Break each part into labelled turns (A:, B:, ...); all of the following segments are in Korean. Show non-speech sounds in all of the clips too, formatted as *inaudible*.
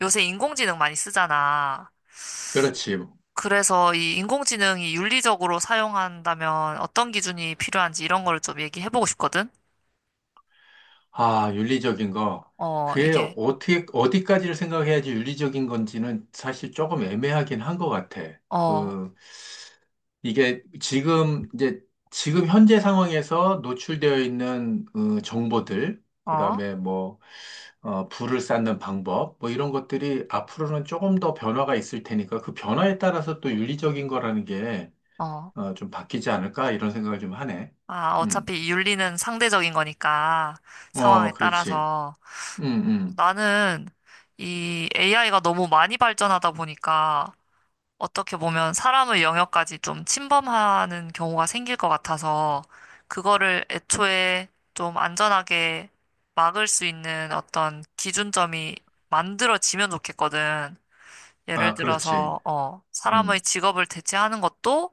A: 요새 인공지능 많이 쓰잖아.
B: 그렇지.
A: 그래서 이 인공지능이 윤리적으로 사용한다면 어떤 기준이 필요한지 이런 거를 좀 얘기해보고 싶거든.
B: 아, 윤리적인 거.
A: 어,
B: 그게
A: 이게,
B: 어떻게, 어디까지를 생각해야지 윤리적인 건지는 사실 조금 애매하긴 한 것 같아.
A: 어,
B: 이게 지금, 이제, 지금 현재 상황에서 노출되어 있는 정보들, 그
A: 어,
B: 다음에 뭐, 불을 쌓는 방법, 뭐 이런 것들이 앞으로는 조금 더 변화가 있을 테니까 그 변화에 따라서 또 윤리적인 거라는 게
A: 어.
B: 좀 바뀌지 않을까 이런 생각을 좀 하네.
A: 아,
B: 음.
A: 어차피 이 윤리는 상대적인 거니까
B: 어,
A: 상황에
B: 그렇지.
A: 따라서
B: 음, 음.
A: 나는 이 AI가 너무 많이 발전하다 보니까 어떻게 보면 사람의 영역까지 좀 침범하는 경우가 생길 것 같아서 그거를 애초에 좀 안전하게 막을 수 있는 어떤 기준점이 만들어지면 좋겠거든. 예를
B: 아, 그렇지. 어,
A: 들어서, 사람의
B: 음,
A: 직업을 대체하는 것도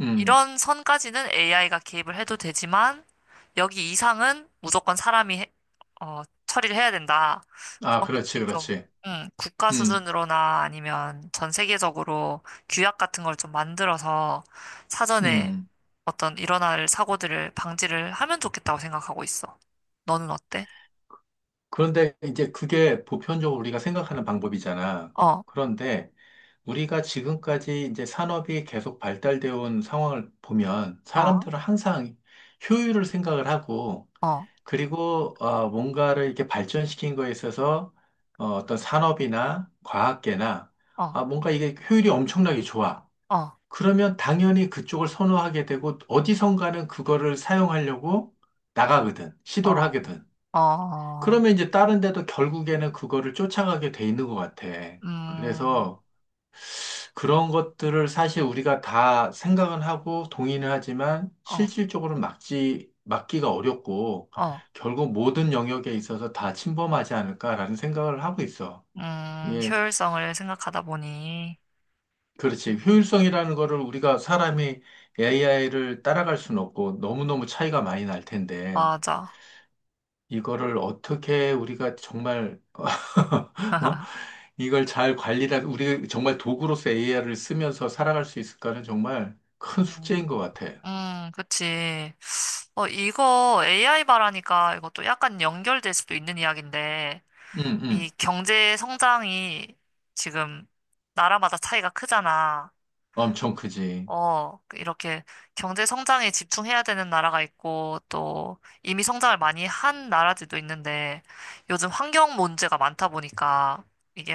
B: 음.
A: 이런 선까지는 AI가 개입을 해도 되지만 여기 이상은 무조건 사람이 처리를 해야 된다.
B: 아,
A: 그런
B: 그렇지,
A: 것들을 좀
B: 그렇지.
A: 국가
B: 음,
A: 수준으로나 아니면 전 세계적으로 규약 같은 걸 좀 만들어서 사전에
B: 음.
A: 어떤 일어날 사고들을 방지를 하면 좋겠다고 생각하고 있어. 너는 어때?
B: 그런데 이제 그게 보편적으로 우리가 생각하는 방법이잖아.
A: 어,
B: 그런데 우리가 지금까지 이제 산업이 계속 발달되어 온 상황을 보면
A: 어,
B: 사람들은 항상 효율을 생각을 하고,
A: 어,
B: 그리고 뭔가를 이렇게 발전시킨 거에 있어서 어떤 산업이나 과학계나
A: 어,
B: 뭔가 이게 효율이 엄청나게 좋아.
A: 어,
B: 그러면 당연히 그쪽을 선호하게 되고 어디선가는 그거를 사용하려고 나가거든. 시도를
A: 어,
B: 하거든.
A: 어, 어,
B: 그러면 이제 다른 데도 결국에는 그거를 쫓아가게 돼 있는 것 같아.
A: 음,
B: 그래서 그런 것들을 사실 우리가 다 생각은 하고 동의는 하지만
A: 어,
B: 실질적으로 막기가 어렵고
A: 어.
B: 결국 모든 영역에 있어서 다 침범하지 않을까라는 생각을 하고 있어. 이게
A: 효율성을 생각하다 보니.
B: 그렇지. 효율성이라는 거를 우리가 사람이 AI를 따라갈 수는 없고 너무너무 차이가 많이 날 텐데
A: 맞아.
B: 이거를 어떻게 우리가 정말 *laughs* 어?
A: *laughs*
B: 이걸 잘 관리를 우리 정말 도구로서 AI를 쓰면서 살아갈 수 있을까는 정말 큰 숙제인
A: 음.
B: 것 같아.
A: 그치. 어, 이거 AI 말하니까 이것도 약간 연결될 수도 있는 이야기인데,
B: 응,
A: 이
B: 응.
A: 경제 성장이 지금 나라마다 차이가 크잖아.
B: 엄청 크지.
A: 어, 그 이렇게 경제 성장에 집중해야 되는 나라가 있고, 또 이미 성장을 많이 한 나라들도 있는데, 요즘 환경 문제가 많다 보니까, 이게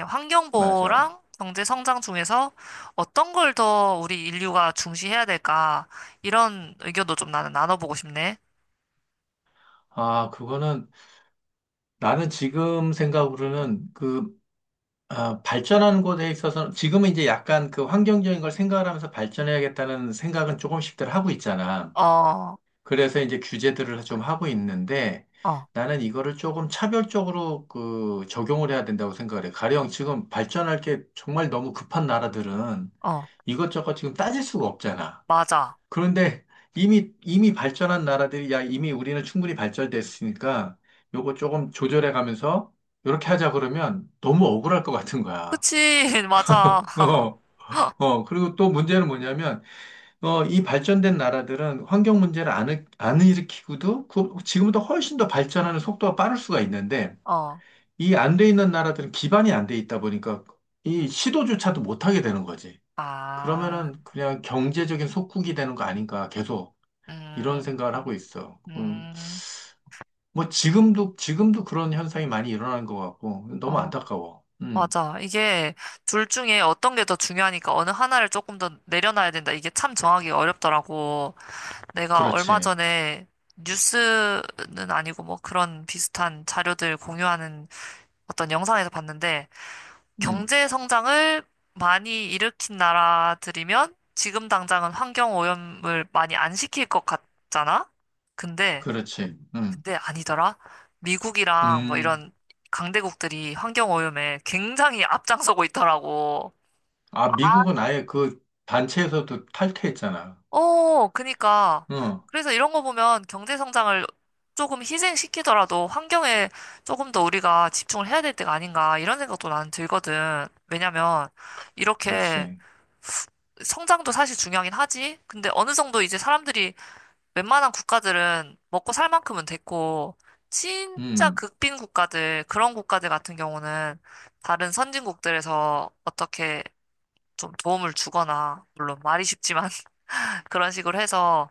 B: 맞아.
A: 환경보호랑 경제 성장 중에서 어떤 걸 더 우리 인류가 중시해야 될까, 이런 의견도 좀 나는 나눠보고 싶네.
B: 아, 그거는 나는 지금 생각으로는 발전하는 곳에 있어서는 지금은 이제 약간 그 환경적인 걸 생각을 하면서 발전해야겠다는 생각은 조금씩들 하고 있잖아.
A: 어, 어,
B: 그래서 이제 규제들을 좀 하고 있는데 나는 이거를 조금 차별적으로 그 적용을 해야 된다고 생각을 해. 가령 지금 발전할 게 정말 너무 급한 나라들은
A: 어,
B: 이것저것 지금 따질 수가 없잖아.
A: 맞아.
B: 그런데 이미 발전한 나라들이 야, 이미 우리는 충분히 발전됐으니까 요거 조금 조절해 가면서 이렇게 하자 그러면 너무 억울할 것 같은 거야.
A: 그치, *laughs* 맞아.
B: 어, 그리고 또 문제는 뭐냐면, 이 발전된 나라들은 환경 문제를 안 일으키고도 그, 지금보다 훨씬 더 발전하는 속도가 빠를 수가 있는데,
A: 어,
B: 이 안 돼 있는 나라들은 기반이 안 돼 있다 보니까 이 시도조차도 못하게 되는 거지.
A: 아,
B: 그러면은 그냥 경제적인 속국이 되는 거 아닌가 계속 이런
A: 음,
B: 생각을 하고 있어.
A: 음.
B: 뭐 지금도 그런 현상이 많이 일어나는 것 같고, 너무
A: 어.
B: 안타까워.
A: 맞아. 이게 둘 중에 어떤 게 더 중요하니까 어느 하나를 조금 더 내려놔야 된다. 이게 참 정하기 어렵더라고. 내가 얼마
B: 그렇지.
A: 전에 뉴스는 아니고 뭐 그런 비슷한 자료들 공유하는 어떤 영상에서 봤는데
B: 음,
A: 경제 성장을 많이 일으킨 나라들이면 지금 당장은 환경 오염을 많이 안 시킬 것 같잖아? 근데
B: 그렇지.
A: 근데 아니더라. 미국이랑 뭐
B: 음.
A: 이런 강대국들이 환경오염에 굉장히 앞장서고 있더라고.
B: 아, 미국은 아예 그 단체에서도 탈퇴했잖아.
A: 어, 그니까.
B: 응,
A: 그래서 이런 거 보면 경제 성장을 조금 희생시키더라도 환경에 조금 더 우리가 집중을 해야 될 때가 아닌가 이런 생각도 나는 들거든. 왜냐면 이렇게
B: 그렇지.
A: 성장도 사실 중요하긴 하지. 근데 어느 정도 이제 사람들이 웬만한 국가들은 먹고 살 만큼은 됐고, 진짜
B: 음,
A: 극빈 국가들, 그런 국가들 같은 경우는 다른 선진국들에서 어떻게 좀 도움을 주거나, 물론 말이 쉽지만 *laughs* 그런 식으로 해서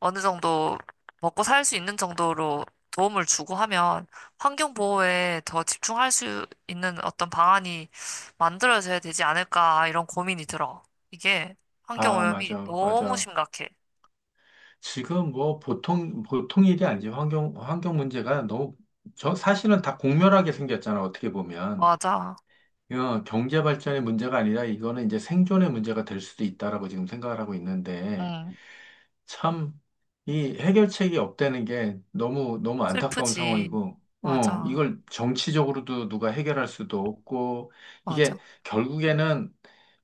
A: 어느 정도 먹고 살 수 있는 정도로 도움을 주고 하면 환경 보호에 더 집중할 수 있는 어떤 방안이 만들어져야 되지 않을까, 이런 고민이 들어. 이게 환경
B: 아,
A: 오염이
B: 맞아,
A: 너무
B: 맞아.
A: 심각해.
B: 지금 뭐 보통 일이 아니지. 환경 문제가 너무, 저 사실은 다 공멸하게 생겼잖아, 어떻게 보면.
A: 맞아.
B: 경제 발전의 문제가 아니라 이거는 이제 생존의 문제가 될 수도 있다라고 지금 생각을 하고 있는데,
A: 응.
B: 참, 이 해결책이 없다는 게 너무 안타까운
A: 슬프지.
B: 상황이고,
A: 맞아,
B: 이걸 정치적으로도 누가 해결할 수도 없고, 이게
A: 맞아.
B: 결국에는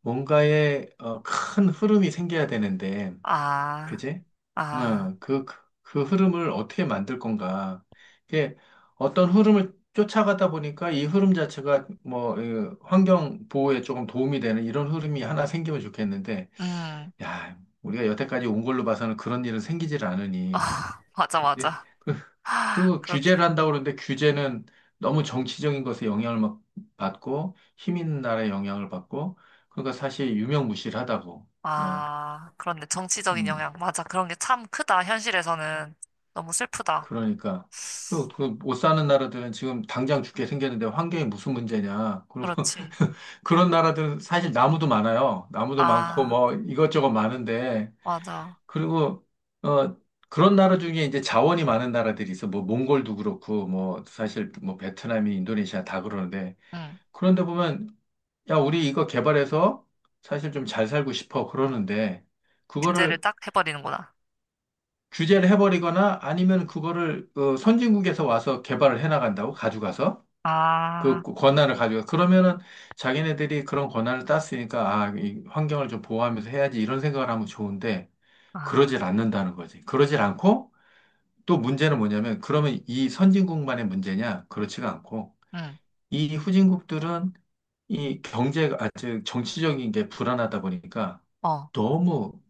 B: 뭔가의 큰 흐름이 생겨야 되는데,
A: 아,
B: 그지?
A: 아,
B: 어, 그, 그, 그 흐름을 어떻게 만들 건가. 이게 어떤 흐름을 쫓아가다 보니까 이 흐름 자체가 뭐, 환경 보호에 조금 도움이 되는 이런 흐름이 하나 생기면 좋겠는데,
A: 음,
B: 야, 우리가 여태까지 온 걸로 봐서는 그런 일은 생기질 않으니.
A: 아. *laughs* 맞아,
B: 예.
A: 맞아. 아,
B: 그리고
A: 그렇게,
B: 규제를 한다고 그러는데 규제는 너무 정치적인 것에 영향을 막 받고 힘 있는 나라에 영향을 받고 그러니까 사실 유명무실하다고. 그냥
A: 아, 그런데 정치적인
B: 음
A: 영향, 맞아. 그런 게 참 크다, 현실에서는. 너무 슬프다.
B: 그러니까 그리고 그못 사는 나라들은 지금 당장 죽게 생겼는데 환경이 무슨 문제냐 그리고
A: 그렇지.
B: *laughs* 그런 나라들은 사실 나무도 많아요 나무도 많고
A: 아,
B: 뭐 이것저것 많은데
A: 맞아.
B: 그리고 어 그런 나라 중에 이제 자원이 많은 나라들이 있어. 뭐 몽골도 그렇고 뭐 사실 뭐 베트남이 인도네시아 다 그러는데
A: 응,
B: 그런데 보면 야 우리 이거 개발해서 사실 좀 잘 살고 싶어 그러는데
A: 규제를
B: 그거를
A: 딱 해버리는구나.
B: 규제를 해버리거나 아니면 그거를 선진국에서 와서 개발을 해나간다고 가져가서 그
A: 아,
B: 권한을 가져가 그러면은 자기네들이 그런 권한을 땄으니까 아, 이 환경을 좀 보호하면서 해야지 이런 생각을 하면 좋은데
A: 아,
B: 그러질 않는다는 거지. 그러질 않고 또 문제는 뭐냐면, 그러면 이 선진국만의 문제냐? 그렇지가 않고,
A: 응,
B: 이 후진국들은 이 경제가, 아, 즉, 정치적인 게 불안하다 보니까
A: 어.
B: 너무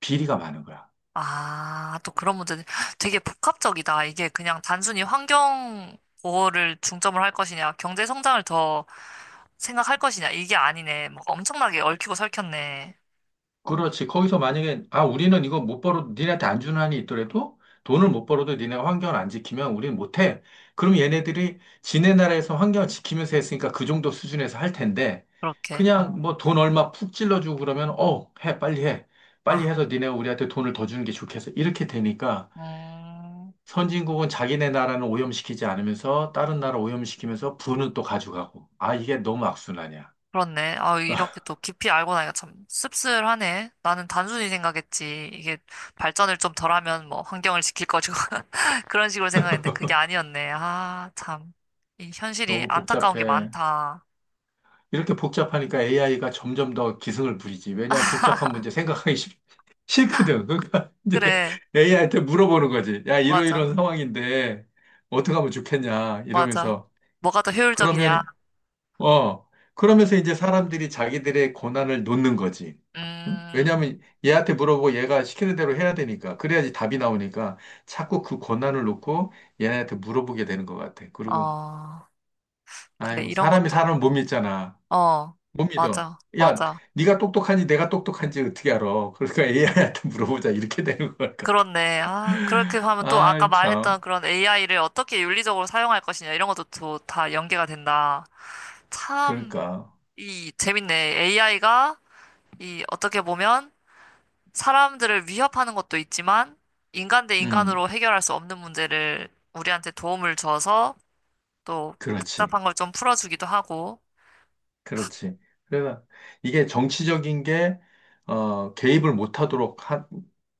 B: 비리가 많은 거야.
A: 아, 또 그런 문제. 되게 복합적이다. 이게 그냥 단순히 환경 보호를 중점을 할 것이냐, 경제 성장을 더 생각할 것이냐, 이게 아니네. 막 엄청나게 얽히고 설켰네.
B: 그렇지. 거기서 만약에, 아, 우리는 이거 못 벌어도, 니네한테 안 주는 한이 있더라도 돈을 못 벌어도 니네가 환경을 안 지키면 우리는 못 해. 그럼 얘네들이 지네 나라에서 환경을 지키면서 했으니까 그 정도 수준에서 할 텐데,
A: 그렇게,
B: 그냥
A: 어.
B: 뭐 돈 얼마 푹 찔러주고 그러면, 빨리 해. 빨리
A: 아,
B: 해서 니네가 우리한테 돈을 더 주는 게 좋겠어. 이렇게 되니까
A: 음,
B: 선진국은 자기네 나라는 오염시키지 않으면서 다른 나라 오염시키면서 부는 또 가져가고. 아, 이게 너무 악순환이야.
A: 그렇네. 아, 이렇게
B: *laughs*
A: 또 깊이 알고 나니까 참 씁쓸하네. 나는 단순히 생각했지. 이게 발전을 좀 덜하면 뭐 환경을 지킬 것이고. *laughs* 그런 식으로 생각했는데 그게 아니었네. 아, 참. 이 현실이
B: 너무
A: 안타까운 게
B: 복잡해.
A: 많다.
B: 이렇게 복잡하니까 AI가 점점 더 기승을 부리지. 왜냐하면 복잡한
A: *laughs*
B: 문제 싫거든. 그러니까 *laughs* 이제
A: 그래.
B: AI한테 물어보는 거지. 야,
A: 맞아,
B: 이러이러한 상황인데 어떻게 하면 좋겠냐
A: 맞아.
B: 이러면서
A: 뭐가 더 효율적이냐?
B: 그러면 어 그러면서 이제 사람들이 자기들의 고난을 놓는 거지. 응?
A: 음,
B: 왜냐하면 얘한테 물어보고 얘가 시키는 대로 해야 되니까 그래야지 답이 나오니까 자꾸 그 고난을 놓고 얘네한테 물어보게 되는 것 같아. 그리고
A: 어, 그래,
B: 아유
A: 이런
B: 사람이
A: 것도,
B: 사람 못 믿잖아.
A: 어,
B: 못 믿어.
A: 맞아,
B: 야,
A: 맞아.
B: 네가 똑똑하니 내가 똑똑한지 어떻게 알아? 그러니까 AI한테 물어보자. 이렇게 되는 것 같다.
A: 그렇네. 아, 그렇게
B: *laughs*
A: 하면 또 아까
B: 아,
A: 말했던
B: 참.
A: 그런 AI를 어떻게 윤리적으로 사용할 것이냐, 이런 것도 또 다 연계가 된다. 참,
B: 그러니까.
A: 이, 재밌네. AI가, 이, 어떻게 보면 사람들을 위협하는 것도 있지만, 인간 대
B: 음,
A: 인간으로 해결할 수 없는 문제를 우리한테 도움을 줘서 또
B: 그렇지.
A: 복잡한 걸 좀 풀어주기도 하고,
B: 그렇지. 그래서 이게 정치적인 게, 개입을 못하도록 한,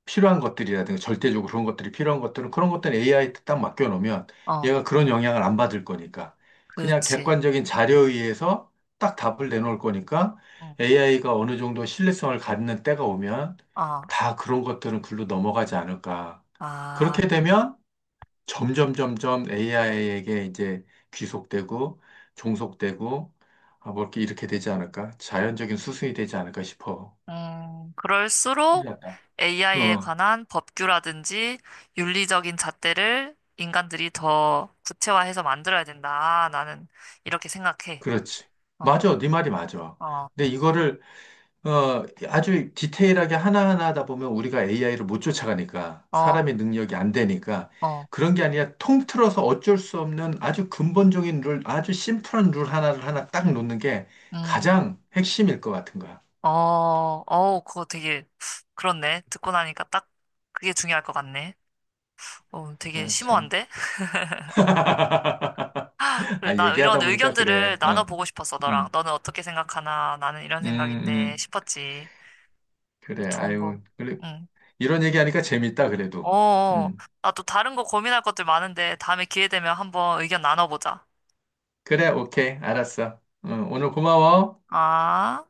B: 필요한 것들이라든가 절대적으로 그런 것들이 필요한 것들은 그런 것들은 AI 딱 맡겨놓으면
A: 어.
B: 얘가 그런 영향을 안 받을 거니까 그냥
A: 그렇지.
B: 객관적인 자료에 의해서 딱 답을 내놓을 거니까
A: 응.
B: AI가 어느 정도 신뢰성을 갖는 때가 오면
A: 어,
B: 다 그런 것들은 글로 넘어가지 않을까.
A: 아,
B: 그렇게 되면 점점 점점 AI에게 이제 귀속되고 종속되고 아, 뭐 이렇게 이렇게 되지 않을까? 자연적인 수순이 되지 않을까 싶어. 큰일
A: 그럴수록
B: 났다.
A: AI에
B: 어,
A: 관한 법규라든지 윤리적인 잣대를 인간들이 더 구체화해서 만들어야 된다. 나는 이렇게 생각해.
B: 그렇지.
A: 어,
B: 맞아. 네 말이 맞아.
A: 어,
B: 근데 이거를 아주 디테일하게 하나하나 하다 보면 우리가 AI를 못 쫓아가니까
A: 어,
B: 사람의 능력이 안 되니까
A: 어,
B: 그런 게 아니라 통틀어서 어쩔 수 없는 아주 근본적인 룰, 아주 심플한 룰 하나 딱 놓는 게
A: 음,
B: 가장 핵심일 것 같은 거야.
A: 어, 어, 그거 되게, 그렇네. 듣고 나니까 딱 그게 중요할 것 같네. 어, 되게
B: 아, 참.
A: 심오한데?
B: *laughs*
A: 그래,
B: 아,
A: 나 이런
B: 얘기하다 보니까
A: 의견들을
B: 그래. 어.
A: 나눠보고 싶었어, 너랑.
B: 음,
A: 너는 어떻게 생각하나? 나는 이런
B: 음,
A: 생각인데
B: 음.
A: 싶었지.
B: 그래.
A: 좋은 거.
B: 아유. 그래.
A: 응.
B: 이런 얘기하니까 재밌다, 그래도.
A: 어,
B: 음.
A: 나 또 다른 거 고민할 것들 많은데 다음에 기회 되면 한번 의견 나눠보자.
B: 그래, 오케이. 알았어. 어, 오늘 고마워.
A: 아.